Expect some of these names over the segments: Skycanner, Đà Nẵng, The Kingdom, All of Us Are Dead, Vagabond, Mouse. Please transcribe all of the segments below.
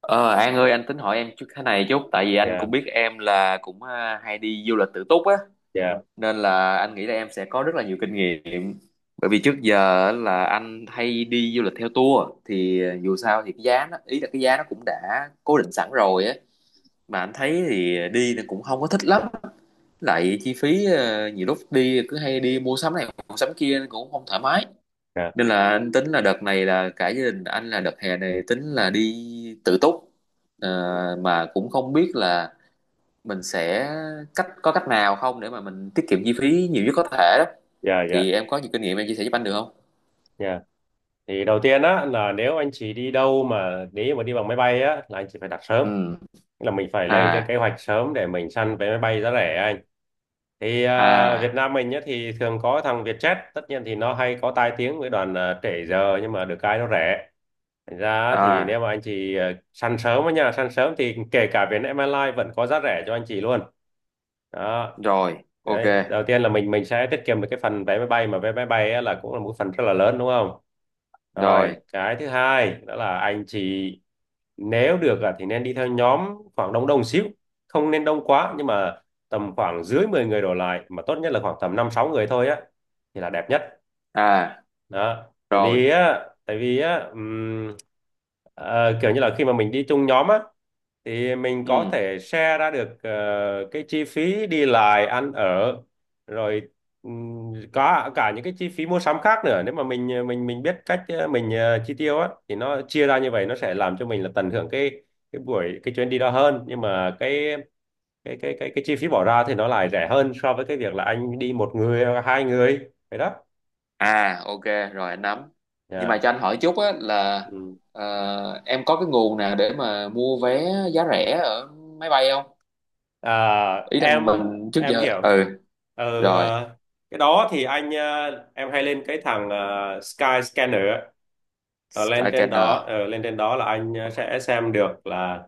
Ờ, An ơi, anh tính hỏi em chút thế này chút, tại vì anh Dạ, cũng biết em là cũng hay đi du lịch tự túc á, dạ, nên là anh nghĩ là em sẽ có rất là nhiều kinh nghiệm. Bởi vì trước giờ á, là anh hay đi du lịch theo tour, thì dù sao thì cái giá nó ý là cái giá nó cũng đã cố định sẵn rồi á, mà anh thấy thì đi nó cũng không có thích lắm, lại chi phí nhiều lúc đi cứ hay đi mua sắm này mua sắm kia nên cũng không thoải mái. dạ, Nên là anh tính là đợt này là cả gia đình anh là đợt hè này tính là đi tự túc. Ờ, mà cũng không biết là mình sẽ có cách nào không để mà mình tiết kiệm chi phí nhiều nhất có thể đó, dạ, dạ, thì em có nhiều kinh nghiệm, em chia sẻ giúp anh được không? dạ. Thì đầu tiên á, là nếu anh chị đi đâu mà nếu mà đi bằng máy bay á, là anh chị phải đặt sớm. Ừ. Tức là mình phải lên cái À. kế hoạch sớm để mình săn vé máy bay giá rẻ anh. Thì Việt À. Nam mình nhá, thì thường có thằng Vietjet, tất nhiên thì nó hay có tai tiếng với đoàn trễ giờ, nhưng mà được cái nó rẻ. Thành ra thì nếu À. mà anh chị săn sớm á nha, săn sớm thì kể cả Vietnam Airlines vẫn có giá rẻ cho anh chị luôn đó. Rồi, ok. Đấy, đầu tiên là mình sẽ tiết kiệm được cái phần vé máy bay, mà vé máy bay á là cũng là một phần rất là lớn đúng không. Rồi. Rồi cái thứ hai đó là anh chị nếu được thì nên đi theo nhóm, khoảng đông đông xíu, không nên đông quá, nhưng mà tầm khoảng dưới 10 người đổ lại, mà tốt nhất là khoảng tầm 5 6 người thôi á, thì là đẹp nhất. À. Đó. Tại Rồi. vì á tại vì á kiểu như là khi mà mình đi chung nhóm á, thì mình có Ừ. thể share ra được cái chi phí đi lại ăn ở, rồi có cả những cái chi phí mua sắm khác nữa. Nếu mà mình mình biết cách mình chi tiêu á, thì nó chia ra như vậy, nó sẽ làm cho mình là tận hưởng cái chuyến đi đó hơn, nhưng mà cái chi phí bỏ ra thì nó lại rẻ hơn so với cái việc là anh đi một người hoặc hai người, vậy đó. À. Ok. Rồi, anh nắm. Nhưng mà Dạ. cho anh hỏi chút á, là Ừ. Em có cái nguồn nào để mà mua vé giá rẻ ở máy bay không? à, Ý là em mình trước em giờ. hiểu. Ừ. ờ, Rồi. ờ, cái đó thì em hay lên cái thằng Sky Scanner. Ờ, lên trên Skycanner. đó ờ, lên trên đó là anh sẽ xem được là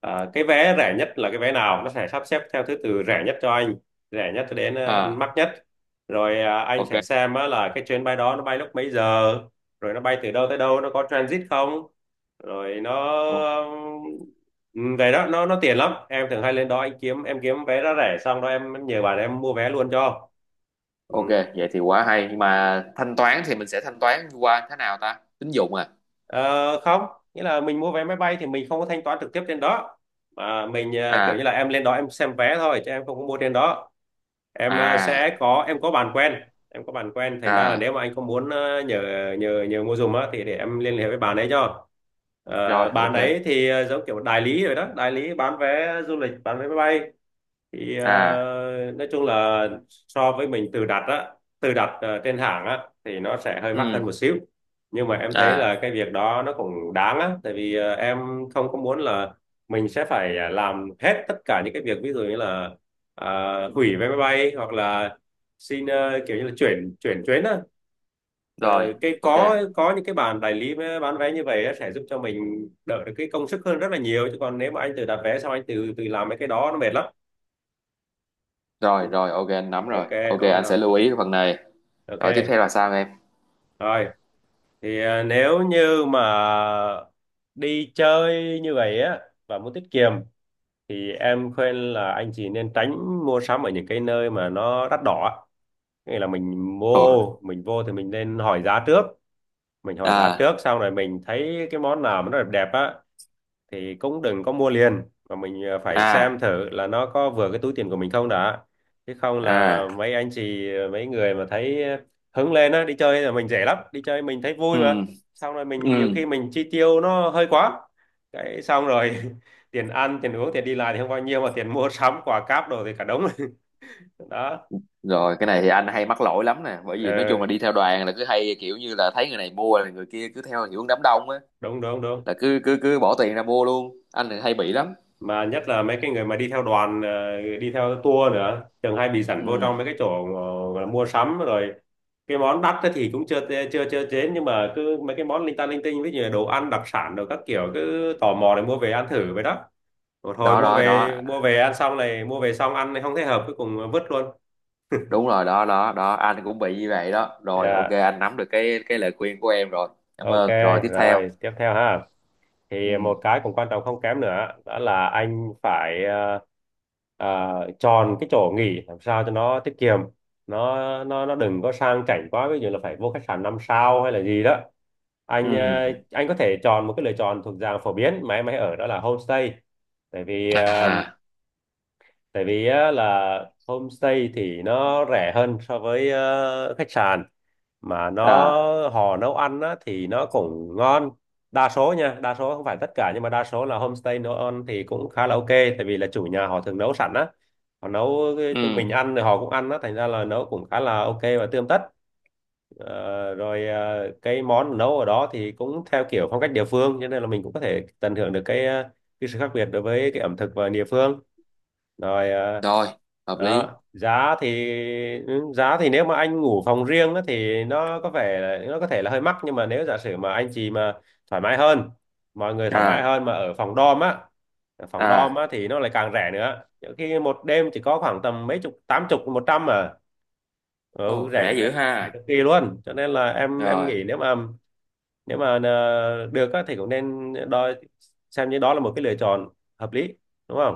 cái vé rẻ nhất là cái vé nào, nó sẽ sắp xếp theo thứ tự rẻ nhất cho anh, rẻ nhất cho đến À. mắc nhất. Rồi anh Ok. sẽ xem á, là cái chuyến bay đó nó bay lúc mấy giờ, rồi nó bay từ đâu tới đâu, nó có transit không, rồi O- về đó nó tiện lắm. Em thường hay lên đó anh kiếm em kiếm vé giá rẻ, xong đó em nhờ bạn em mua vé luôn cho. Ừ. ok, vậy thì quá hay, nhưng mà thanh toán thì mình sẽ thanh toán qua thế nào ta, tín dụng à? Ờ, Không, nghĩa là mình mua vé máy bay thì mình không có thanh toán trực tiếp trên đó, mà mình kiểu như À. là em lên đó em xem vé thôi, chứ em không có mua trên đó. Em ờ, À. sẽ có Em có bạn quen. Em có bạn quen, thành ra là À. nếu mà anh không muốn nhờ nhờ nhờ mua giùm á, thì để em liên hệ với bạn ấy cho. Rồi, Bạn ok. ấy thì giống kiểu đại lý rồi đó, đại lý bán vé du lịch, bán vé máy bay. Thì À. nói chung là so với mình tự đặt á, tự đặt trên hàng á, thì nó sẽ hơi mắc Ừ. hơn một xíu, nhưng mà em thấy À. là cái việc đó nó cũng đáng á. Tại vì em không có muốn là mình sẽ phải làm hết tất cả những cái việc, ví dụ như là ờ, hủy vé máy bay, hoặc là xin kiểu như là chuyển chuyển chuyến á. Rồi, Ờ, cái ok. có những cái bàn bán vé như vậy á, sẽ giúp cho mình đỡ được cái công sức hơn rất là nhiều. Chứ còn nếu mà anh tự đặt vé xong anh tự tự làm mấy cái đó, nó mệt lắm. Rồi, rồi, ok, anh nắm rồi, Ok. ok, Ok anh sẽ hả? lưu ý cái phần này. Rồi, tiếp theo Ok. là sao em? Rồi, thì nếu như mà đi chơi như vậy á, và muốn tiết kiệm, thì em khuyên là anh chị nên tránh mua sắm ở những cái nơi mà nó đắt đỏ á. Nghĩa là Ồ. Mình vô thì mình nên hỏi giá trước. Mình hỏi giá À. trước xong rồi mình thấy cái món nào mà nó đẹp đẹp á, thì cũng đừng có mua liền, mà mình phải xem À. thử là nó có vừa cái túi tiền của mình không đã. Chứ không là À. mấy anh chị ờ, mấy người mà thấy hứng lên á, đi chơi là mình rẻ lắm, đi chơi mình thấy Ừ. vui mà, xong rồi Ừ. mình nhiều khi mình chi tiêu nó hơi quá, cái xong rồi tiền ăn tiền uống tiền đi lại thì không bao nhiêu, mà tiền mua sắm quà cáp đồ thì cả đống. Đó. Rồi, cái này thì anh hay mắc lỗi lắm nè, bởi vì nói chung là Ừ, đi theo đoàn là cứ hay kiểu như là thấy người này mua là người kia cứ theo hiệu đám đông á, đúng đúng đúng. là cứ cứ cứ bỏ tiền ra mua luôn, anh thì hay bị lắm. Mà nhất là mấy cái người mà đi theo tour nữa, thường hay bị Ừ. dẫn vô trong mấy cái chỗ gọi là mua sắm rồi. Cái món đắt ấy thì cũng chưa chưa chưa chế, nhưng mà cứ mấy cái món linh ta linh tinh, ví dụ như đồ ăn đặc sản rồi các kiểu, cứ tò mò để mua về ăn thử vậy đó. Rồi thôi, Đó, mua đó, đó. về mua về ăn xong này, mua về xong ăn này, không thấy hợp, cuối cùng vứt luôn. Đúng rồi, đó, đó, đó, anh cũng bị như vậy đó, rồi ok, Dạ. anh nắm được cái lời khuyên của em rồi, cảm Ok. ơn. Rồi, tiếp theo. Rồi tiếp theo ha, Ừ. thì một cái cũng quan trọng không kém nữa đó là anh phải chọn cái chỗ nghỉ làm sao cho nó tiết kiệm. Nó nó đừng có sang chảnh quá, ví dụ là phải vô khách sạn năm sao hay là gì đó. Ừ. Anh có thể chọn một cái lựa chọn thuộc dạng phổ biến mà em hay ở, đó là homestay. tại vì ờ, À. Tại vì á, là homestay thì nó rẻ hơn so với khách sạn. Mà À. họ nấu ăn á, thì nó cũng ngon. Đa số nha, đa số không phải tất cả, nhưng mà đa số là homestay nấu ăn thì cũng khá là ok. Tại vì là chủ nhà họ thường nấu sẵn á, họ nấu Ừ. cho mình ăn rồi họ cũng ăn á, thành ra là nấu cũng khá là ok và tươm tất. Rồi cái món nấu ở đó thì cũng theo kiểu phong cách địa phương, cho nên là mình cũng có thể tận hưởng được cái sự khác biệt đối với cái ẩm thực và địa phương. Rồi Rồi, hợp lý. đó, giá thì, ừ, giá thì nếu mà anh ngủ phòng riêng á, thì nó có vẻ là, nó có thể là hơi mắc. Nhưng mà nếu giả sử mà anh chị mà thoải mái hơn mọi người thoải mái À. hơn mà ở phòng dorm á ở phòng dorm À. á thì nó lại càng rẻ nữa, nhiều khi một đêm chỉ có khoảng tầm mấy chục, tám chục, một trăm à. Ồ, Ừ, rẻ rẻ dữ rẻ. Rẻ ha. cực kỳ luôn, cho nên là em Rồi. nghĩ nếu mà nếu mà được á, thì cũng nên đo xem như đó là một cái lựa chọn hợp lý, đúng không.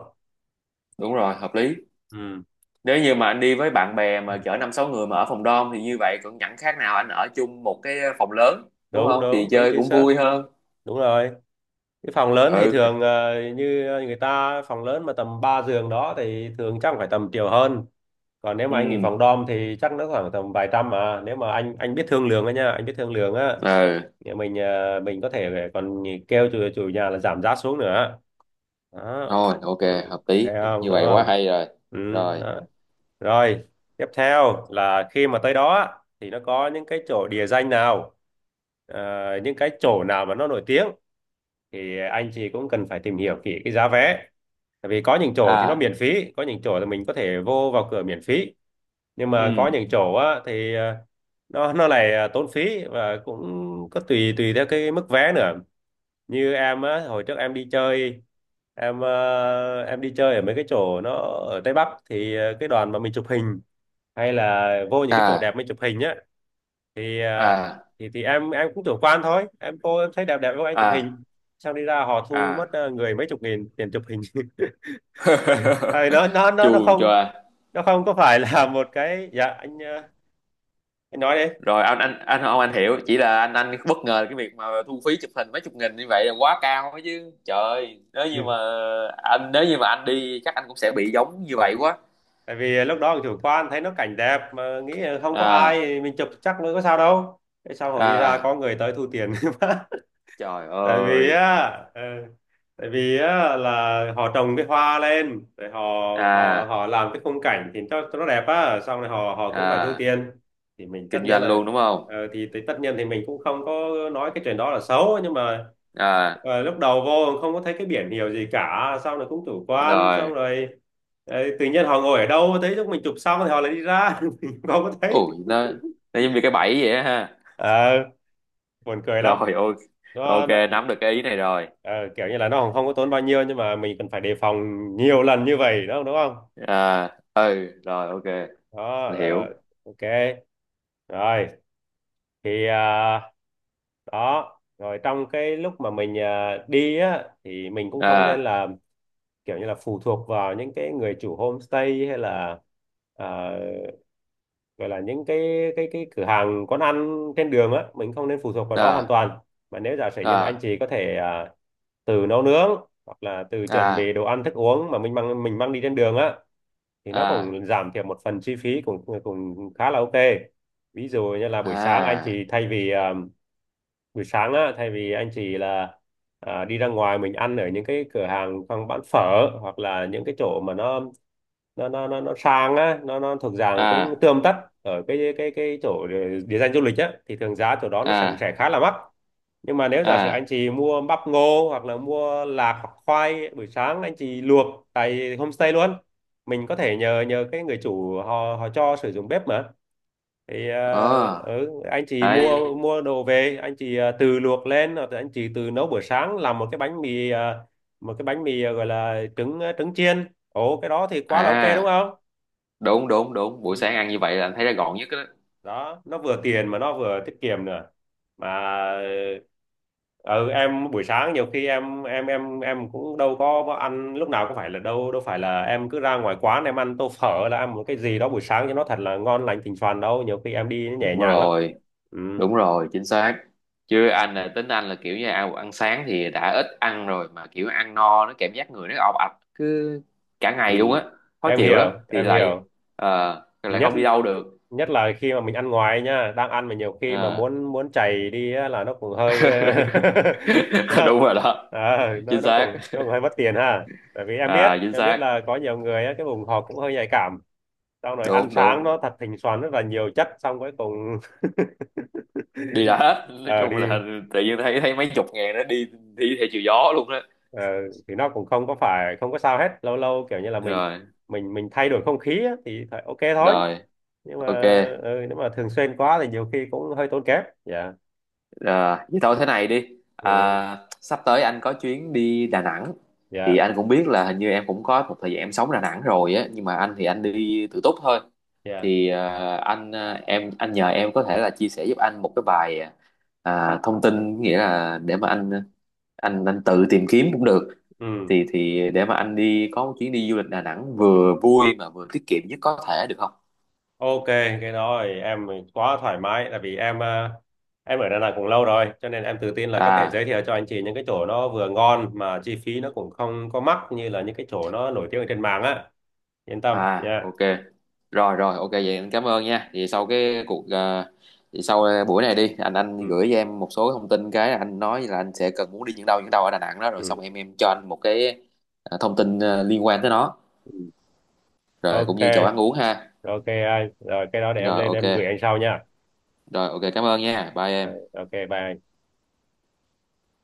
Đúng rồi, hợp lý. Ừ, Nếu như mà anh đi với bạn bè mà chở năm sáu người mà ở phòng dorm thì như vậy cũng chẳng khác nào anh ở chung một cái phòng lớn, đúng đúng không, thì đúng đúng, chơi chính cũng xác, vui hơn. đúng rồi. Cái phòng lớn thì Ừ. thường như người ta, phòng lớn mà tầm 3 giường đó thì thường chắc phải tầm triệu hơn. Còn nếu mà anh nghỉ phòng Ừ. dorm thì chắc nó khoảng tầm vài trăm. Mà nếu mà anh biết thương lượng á nha, anh biết thương lượng á, Ừ. thì mình mình có thể còn kêu chủ nhà là giảm giá xuống nữa, đó. Thôi, ok. Ừ, Hợp ok lý, không, như đúng vậy quá không. hay rồi. Ừ, Rồi. đó. Rồi tiếp theo là khi mà tới đó á, thì nó có những cái chỗ địa danh nào, ờ, những cái chỗ nào mà nó nổi tiếng, thì anh chị cũng cần phải tìm hiểu kỹ cái giá vé. Tại vì có những chỗ thì nó À. miễn phí, có những chỗ là mình có thể vào cửa miễn phí, nhưng mà Ừ. có những chỗ á, thì nó lại tốn phí, và cũng có tùy tùy theo cái mức vé nữa. Như em á, hồi trước em đi chơi, ở mấy cái chỗ nó ở Tây Bắc, thì cái đoàn mà mình chụp hình, hay là vô những cái chỗ À. đẹp mình chụp hình á, thì à, À. thì thì em cũng chủ quan thôi, em cô em thấy đẹp đẹp với anh chụp À. hình, xong đi ra họ thu À. mất người mấy chục nghìn tiền chụp hình. tại tại vì nó nó nó Chù nó cho. không nó không có phải là một cái, dạ anh à, anh nói đi. Rồi, anh không, anh hiểu, chỉ là anh bất ngờ cái việc mà thu phí chụp hình mấy chục nghìn như vậy là quá cao ấy chứ trời, Ừ. Nếu như mà anh đi chắc anh cũng sẽ bị giống như vậy quá. Tại vì lúc đó chủ quan thấy nó cảnh đẹp mà nghĩ là không có À. ai mình chụp chắc mới có sao đâu. Thế sau hồi đi ra À. có người tới thu tiền. Trời Tại vì ơi. á, ờ, tại vì á là họ trồng cái hoa lên rồi họ họ À. họ làm cái khung cảnh thì cho nó đẹp á, xong rồi họ họ cũng phải thu À. tiền. Thì mình Kinh tất nhiên doanh là luôn đúng không? Thì tất nhiên thì mình cũng không có nói cái chuyện đó là xấu, nhưng mà À. Lúc đầu vô không có thấy cái biển hiệu gì cả, xong rồi cũng chủ quan Rồi. xong rồi tự nhiên họ ngồi ở đâu thấy lúc mình chụp xong thì họ lại đi ra. Mình không có thấy. Ủa, nó giống như cái bẫy vậy á ha. Ờ, buồn cười lắm. Rồi, ok. Ok, nó, nó nắm được cái ý này rồi. ờ, Kiểu như là nó còn không có tốn bao nhiêu nhưng mà mình cần phải đề phòng nhiều lần như vậy, đúng không, đúng không? À. Ừ. Rồi, ok, Đó, mình hiểu. ok. Rồi thì đó, rồi trong cái lúc mà mình đi á thì mình cũng không nên À. là kiểu như là phụ thuộc vào những cái người chủ homestay, hay là à, gọi là những cái cửa hàng quán ăn trên đường á, mình không nên phụ thuộc vào đó hoàn À. toàn, mà nếu giả sử như mà anh À. chị có thể từ nấu nướng hoặc là từ chuẩn bị À. đồ ăn thức uống mà mình mang đi trên đường á, thì nó À. cũng giảm thiểu một phần chi phí, cũng cũng khá là ok. Ví dụ như là buổi sáng anh À. chị thay vì buổi sáng á thay vì anh chị là đi ra ngoài mình ăn ở những cái cửa hàng hoặc bán phở, hoặc là những cái chỗ mà nó sang á, nó thuộc dạng cũng À. tươm tất. Ở cái chỗ địa danh du lịch á thì thường giá chỗ đó nó sẽ À. Khá là mắc, nhưng mà nếu giả sử À. anh chị mua bắp ngô hoặc là mua lạc hoặc khoai, buổi sáng anh chị luộc tại homestay luôn. Mình có thể nhờ nhờ cái người chủ, họ họ cho sử dụng bếp mà. Thì Ờ, ừ, anh chị đấy. mua mua đồ về, anh chị tự luộc lên, hoặc là anh chị tự nấu buổi sáng, làm một cái bánh mì gọi là trứng, trứng chiên, ồ cái đó thì quá là ok đúng À. không. Đúng, đúng, đúng, buổi sáng Ừ. ăn như vậy là anh thấy nó gọn nhất đó. Đó, nó vừa tiền mà nó vừa tiết kiệm nữa, mà ừ, em buổi sáng nhiều khi em cũng đâu có ăn lúc nào, có phải là đâu đâu phải là em cứ ra ngoài quán em ăn tô phở, là ăn một cái gì đó buổi sáng cho nó thật là ngon lành thịnh soàn đâu, nhiều khi em đi Đúng nhẹ nhàng lắm. rồi. Ừ, Đúng rồi, chính xác. Chứ anh là tính anh là kiểu như ăn ăn sáng thì đã ít ăn rồi, mà kiểu ăn no nó cảm giác người nó ọp ạch cứ cả ừ. ngày luôn á, khó Em chịu lắm, hiểu, thì em lại hiểu. ờ, lại Nhất không đi đâu được. Nhất là khi mà mình ăn ngoài nhá, đang ăn mà nhiều khi mà Ờ. muốn muốn chảy đi á, là nó cũng hơi nó Đúng rồi đó, nó chính xác. cũng cũng hơi mất tiền ha. Tại vì À, chính em biết xác. là có nhiều người á, cái vùng họ cũng hơi nhạy cảm, xong rồi ăn Đúng, sáng đúng. nó thật thỉnh xoắn rất là nhiều chất xong cuối cùng Đi đã hết, nói ờ chung là đi. tự nhiên thấy thấy mấy chục ngàn nó đi đi theo chiều gió luôn đó. ờ, thì nó cũng không có phải không có sao hết, lâu lâu kiểu như là Rồi, mình thay đổi không khí á, thì phải ok thôi, rồi, nhưng mà ok. ừ, nếu mà thường xuyên quá thì nhiều khi cũng hơi tốn kém. Dạ, Ờ, Vậy thôi thế này đi, ừ, sắp tới anh có chuyến đi Đà Nẵng, thì dạ. anh cũng biết là hình như em cũng có một thời gian em sống Đà Nẵng rồi á, nhưng mà anh thì anh đi tự túc thôi. Dạ. Thì em anh nhờ em có thể là chia sẻ giúp anh một cái bài, thông tin, nghĩa là để mà anh tự tìm kiếm cũng được, Ừ. thì để mà anh đi có một chuyến đi du lịch Đà Nẵng vừa vui mà vừa tiết kiệm nhất có thể được không? Ok, cái đó thì em quá thoải mái, tại vì em em ở Đà Nẵng cũng lâu rồi cho nên em tự tin là có thể À. giới thiệu cho anh chị những cái chỗ nó vừa ngon mà chi phí nó cũng không có mắc như là những cái chỗ nó nổi tiếng ở trên mạng á. Yên tâm À, nha. ok. Rồi, rồi ok, vậy anh cảm ơn nha. Vậy sau cái cuộc ờ, thì sau ờ, buổi này đi, anh Ừ. gửi cho em một số thông tin, cái anh nói là anh sẽ cần muốn đi những đâu ở Đà Nẵng đó, rồi xong Ừ. em cho anh một cái thông tin liên quan tới nó, Ừ. rồi cũng Ok, như chỗ ăn uống ha. ok anh. Rồi cái đó để em Rồi, lên ok. em gửi anh sau nha. Rồi, ok, cảm ơn nha, bye Ờ, em. ok, bye anh.